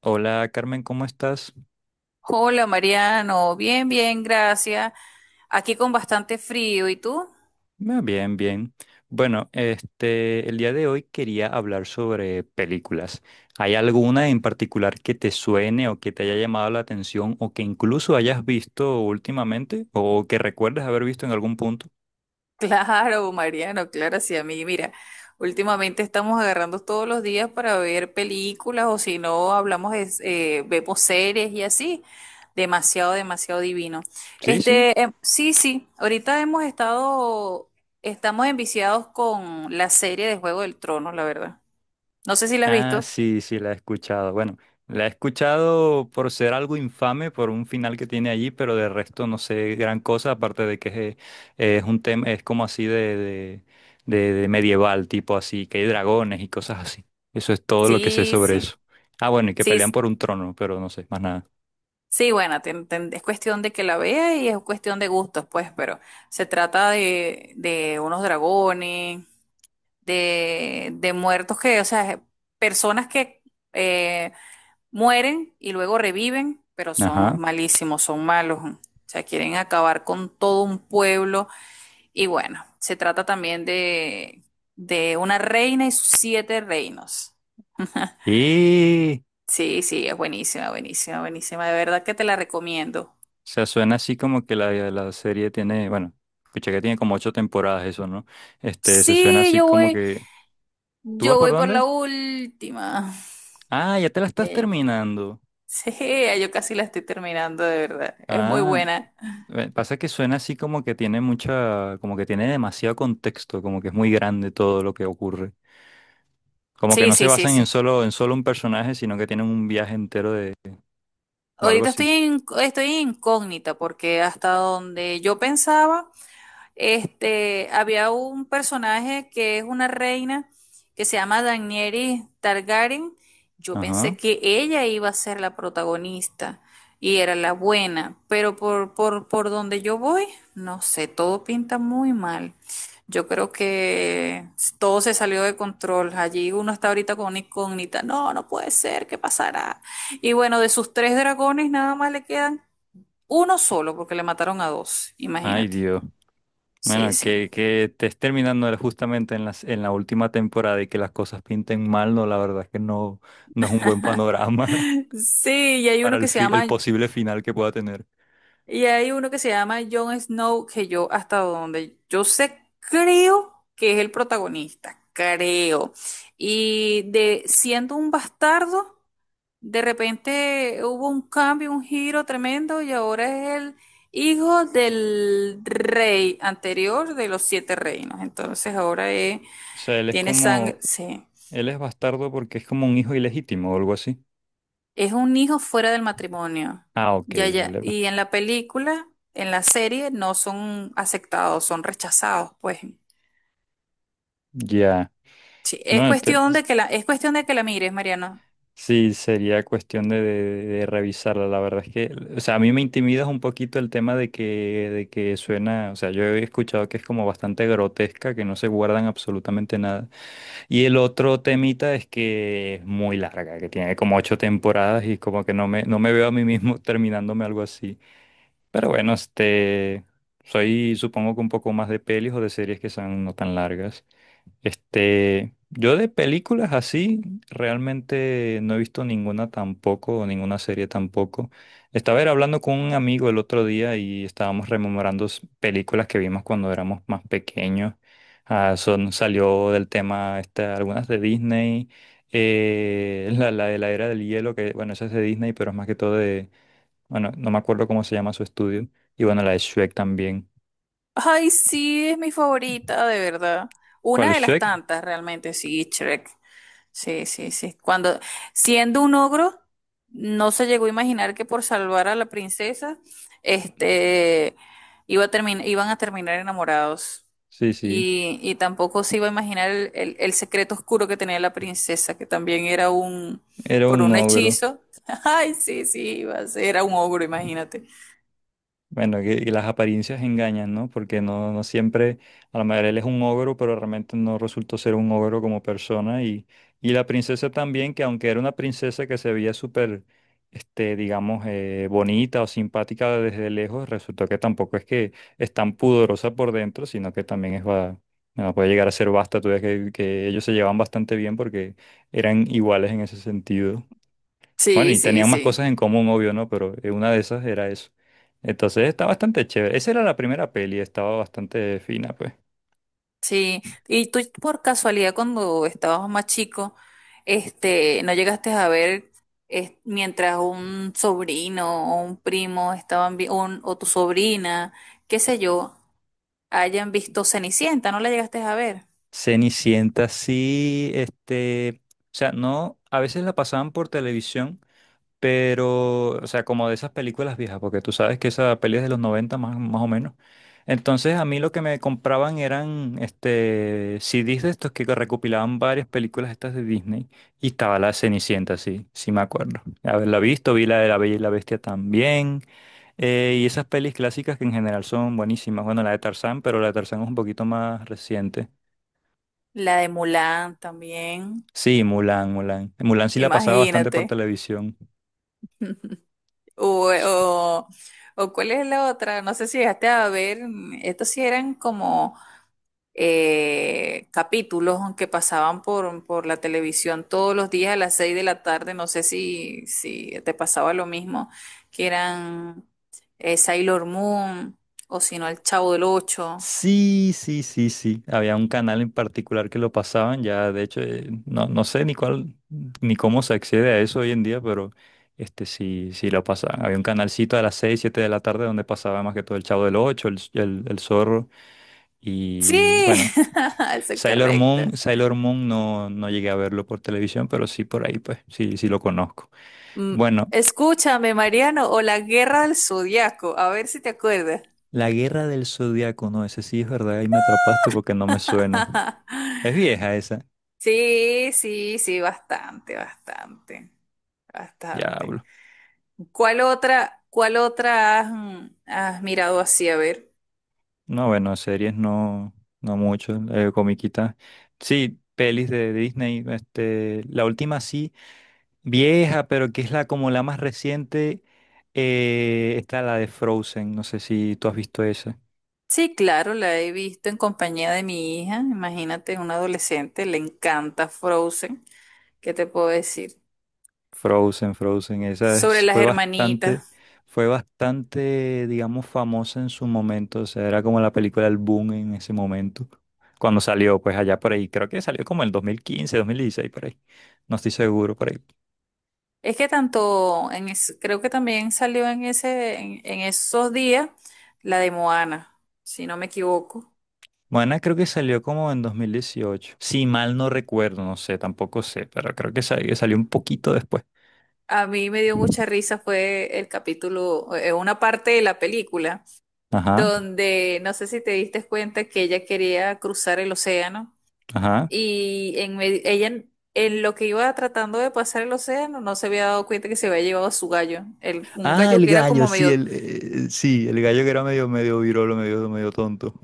Hola Carmen, ¿cómo estás? Hola Mariano, bien, bien, gracias. Aquí con bastante frío, ¿y tú? Ah, bien, bien. Bueno, el día de hoy quería hablar sobre películas. ¿Hay alguna en particular que te suene o que te haya llamado la atención o que incluso hayas visto últimamente o que recuerdes haber visto en algún punto? Claro, Mariano, claro, sí, a mí. Mira, últimamente estamos agarrando todos los días para ver películas o si no hablamos, vemos series y así. Demasiado, demasiado divino. Sí, sí. Sí, sí, ahorita hemos estado, estamos enviciados con la serie de Juego del Trono, la verdad. No sé si la has Ah, visto. sí, sí, la he escuchado. Bueno, la he escuchado por ser algo infame, por un final que tiene allí, pero de resto no sé gran cosa, aparte de que es un tema, es como así de medieval, tipo así, que hay dragones y cosas así. Eso es todo lo que sé Sí, sobre sí. eso. Ah, bueno, y que Sí, pelean por un trono, pero no sé más nada. sí, bueno, es cuestión de que la vea y es cuestión de gustos, pues, pero se trata de unos dragones, de muertos que, o sea, personas que eh, mueren y luego reviven, pero son Ajá. malísimos, son malos. O sea, quieren acabar con todo un pueblo. Y bueno, se trata también de una reina y sus siete reinos. Y, o Sí, sí, es buenísima, buenísima, buenísima. De verdad que te la recomiendo. sea, suena así como que la serie tiene, bueno, escuché que tiene como ocho temporadas eso, ¿no? Este, se suena Sí, así yo como voy. que... ¿Tú vas Yo por voy por la dónde? última. Ah, ya te la estás Sí. terminando. Sí, yo casi la estoy terminando, de verdad. Es muy Ah, buena. Pasa que suena así como que tiene mucha, como que tiene demasiado contexto, como que es muy grande todo lo que ocurre. Como que Sí, no se sí, sí, basan sí. En solo un personaje, sino que tienen un viaje entero de, o algo Ahorita estoy así. Estoy incógnita porque hasta donde yo pensaba. Este, había un personaje que es una reina que se llama Daenerys Targaryen. Yo Ajá. pensé que ella iba a ser la protagonista y era la buena, pero por donde yo voy, no sé, todo pinta muy mal. Yo creo que todo se salió de control. Allí uno está ahorita con una incógnita. No, no puede ser, ¿qué pasará? Y bueno, de sus tres dragones nada más le quedan uno solo porque le mataron a dos, Ay, imagínate. Dios. Sí, Bueno, sí. Que te estés terminando justamente en las, en la última temporada y que las cosas pinten mal, no, la verdad es que no, no es un buen panorama Sí, para el, fi- el posible final que pueda tener. y hay uno que se llama Jon Snow, que yo hasta donde yo sé, creo que es el protagonista, creo. Y de siendo un bastardo, de repente hubo un cambio, un giro tremendo, y ahora es el hijo del rey anterior de los siete reinos. Entonces ahora O sea, él es tiene sangre, como, sí. él es bastardo porque es como un hijo ilegítimo o algo así. Es un hijo fuera del matrimonio. Ah, ok, Ya, ya. vale, va- Y en la película, en la serie, no son aceptados, son rechazados, pues. Ya. Sí, es No, te- cuestión de que la, es cuestión de que la mires, Mariano. sí, sería cuestión de revisarla. La verdad es que, o sea, a mí me intimida un poquito el tema de que suena, o sea, yo he escuchado que es como bastante grotesca, que no se guardan absolutamente nada. Y el otro temita es que es muy larga, que tiene como ocho temporadas y como que no me, no me veo a mí mismo terminándome algo así. Pero bueno, este, soy supongo que un poco más de pelis o de series que son no tan largas. Este, yo de películas así realmente no he visto ninguna tampoco, o ninguna serie tampoco. Estaba era hablando con un amigo el otro día y estábamos rememorando s- películas que vimos cuando éramos más pequeños. Ah, son, salió del tema esta- algunas de Disney, la de la era del hielo, que bueno, esa es de Disney, pero es más que todo bueno, no me acuerdo cómo se llama su estudio. Y bueno, la de Shrek también. Ay, sí, es mi favorita, de verdad. ¿Cuál? Una de las ¿Shrek? tantas, realmente, sí, Shrek. Sí, sí, sí. Cuando, siendo un ogro, no se llegó a imaginar que por salvar a la princesa, este, iban a terminar enamorados. Sí, sí. Y tampoco se iba a imaginar el secreto oscuro que tenía la princesa, que también era un, Era por un un ogro. hechizo. Ay, sí, sí, iba a ser, era un ogro, imagínate. Bueno, que- y las apariencias engañan, ¿no? Porque no, no siempre, a la mayoría él es un ogro, pero realmente no resultó ser un ogro como persona. Y la princesa también, que aunque era una princesa que se veía súper, digamos, bonita o simpática desde lejos, resultó que tampoco es que es tan pudorosa por dentro, sino que también es, va, bueno, puede llegar a ser basta. Tú ves que ellos se llevan bastante bien porque eran iguales en ese sentido. Bueno, Sí, y sí, tenían más sí. cosas en común, obvio, ¿no? Pero una de esas era eso. Entonces está bastante chévere. Esa era la primera peli, estaba bastante fina, pues. Sí, y tú por casualidad cuando estabas más chico, no llegaste a ver mientras un sobrino o un primo estaban o tu sobrina, qué sé yo, hayan visto Cenicienta, ¿no la llegaste a ver? Cenicienta, sí, o sea, no, a veces la pasaban por televisión. Pero, o sea, como de esas películas viejas, porque tú sabes que esa peli es de los 90 más, más o menos. Entonces a mí lo que me compraban eran este, CDs de estos que recopilaban varias películas estas de Disney y estaba la Cenicienta, sí, sí me acuerdo. Haberla visto, vi la de La Bella y la Bestia también. Y esas pelis clásicas que en general son buenísimas. Bueno, la de Tarzán, pero la de Tarzán es un poquito más reciente. La de Mulan también, Sí, Mulan. Mulan sí la pasaba bastante por imagínate. televisión. O, o, o cuál es la otra, no sé si llegaste a ver, estos sí eran como capítulos que pasaban por la televisión todos los días a las 6 de la tarde. No sé si, si te pasaba lo mismo, que eran Sailor Moon o si no, El Chavo del Ocho. Sí, sí, sí, sí. Había un canal en particular que lo pasaban, ya de hecho, no, no sé ni cuál, ni cómo se accede a eso hoy en día, pero este sí, sí lo pasaban. Había un canalcito a las 6, 7 de la tarde donde pasaba más que todo el Chavo del Ocho, el Zorro Sí, y bueno, eso es Sailor correcto. Moon, Sailor Moon no, no llegué a verlo por televisión, pero sí por ahí, pues, sí, sí lo conozco. Mm, Bueno, Escúchame, Mariano, o La Guerra del Zodiaco, a ver si te acuerdas. La Guerra del Zodiaco, no, ese sí es verdad, ahí me atrapaste porque no me suena. Es vieja esa, Sí, sí, sí, bastante, bastante, ya. bastante. Cuál otra has, has mirado así? A ver. No, bueno, series no, no mucho, comiquitas. Sí, pelis de Disney, la última sí, vieja, pero que es la como la más reciente, está la de Frozen, no sé si tú has visto esa. Sí, claro, la he visto en compañía de mi hija. Imagínate, un adolescente, le encanta Frozen. ¿Qué te puedo decir? Frozen, esa Sobre es- las hermanitas. fue bastante, digamos, famosa en su momento, o sea, era como la película del boom en ese momento, cuando salió, pues allá por ahí, creo que salió como el dos mil quince, 2016 por ahí, no estoy seguro, por ahí. Es que tanto, creo que también salió en en esos días la de Moana, si no me equivoco. Moana creo que salió como en 2018. Si mal no recuerdo, no sé, tampoco sé, pero creo que sal- que salió un poquito después. A mí me dio mucha risa, fue el capítulo, una parte de la película Ajá, donde no sé si te diste cuenta que ella quería cruzar el océano ajá. y ella en lo que iba tratando de pasar el océano no se había dado cuenta que se había llevado a su gallo, un Ah, gallo el que era gallo, como medio sí, el gallo que era medio, medio virolo, medio, medio tonto.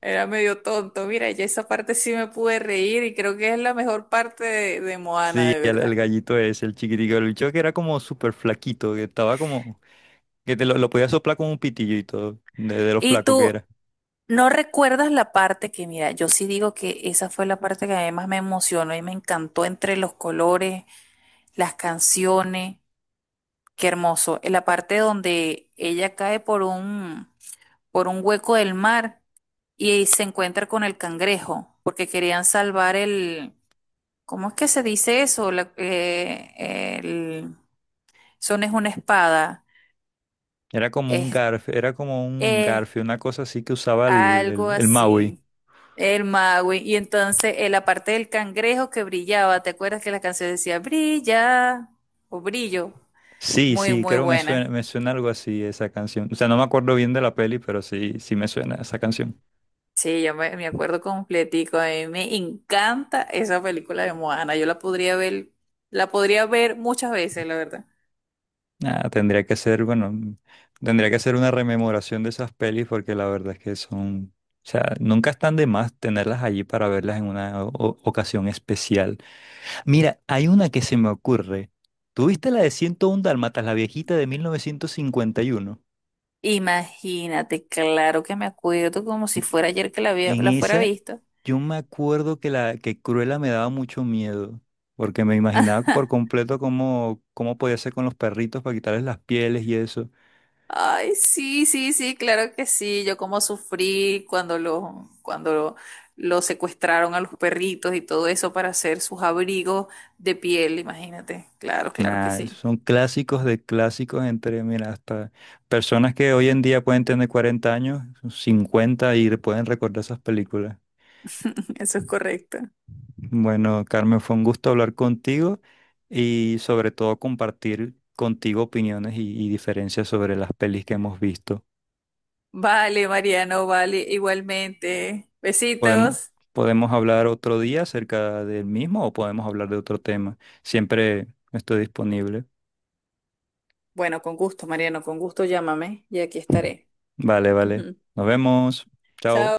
era medio tonto. Mira, ya esa parte sí me pude reír y creo que es la mejor parte de Moana, Sí, de el verdad. gallito es el chiquitico, el bicho que era como súper flaquito, que estaba como, que te lo podía soplar con un pitillo y todo, de lo Y flaco que tú era. no recuerdas la parte que, mira, yo sí digo que esa fue la parte que además me emocionó y me encantó entre los colores, las canciones. Qué hermoso. En la parte donde ella cae por un hueco del mar y se encuentra con el cangrejo, porque querían salvar el, ¿cómo es que se dice eso? El, son es una espada, Era como un es, garf, era como un es garfio, una cosa así que usaba el, algo el, el Maui. así. El mago. Y entonces en la parte del cangrejo que brillaba, ¿te acuerdas que la canción decía brilla o brillo? Sí, Muy, sí, muy creo buena. me suena algo así esa canción. O sea, no me acuerdo bien de la peli, pero sí, sí me suena esa canción. Sí, yo me acuerdo completico. A mí me encanta esa película de Moana. Yo la podría ver muchas veces, la verdad. Ah, tendría que ser, bueno, tendría que ser una rememoración de esas pelis porque la verdad es que son, o sea, nunca están de más tenerlas allí para verlas en una o- ocasión especial. Mira, hay una que se me ocurre. ¿Tuviste la de 101 Dálmatas, la viejita de 1951? Imagínate, claro que me acuerdo como si fuera ayer que la había, En la fuera esa, visto. yo me acuerdo que la que Cruella me daba mucho miedo, porque me imaginaba por completo cómo, cómo podía ser con los perritos para quitarles las pieles y eso. Ay, sí, sí, sí, claro que sí. Yo como sufrí cuando los, cuando lo- los secuestraron a los perritos y todo eso para hacer sus abrigos de piel, imagínate. Claro, claro que Nada, sí. son clásicos de clásicos entre, mira, hasta personas que hoy en día pueden tener 40 años, 50 y pueden recordar esas películas. Eso es correcto. Bueno, Carmen, fue un gusto hablar contigo y sobre todo compartir contigo opiniones y diferencias sobre las pelis que hemos visto. Vale, Mariano, vale, igualmente. Podemos, Besitos. podemos hablar otro día acerca del mismo o podemos hablar de otro tema. Siempre estoy disponible. Bueno, con gusto, Mariano, con gusto llámame y aquí estaré. Vale. Chao.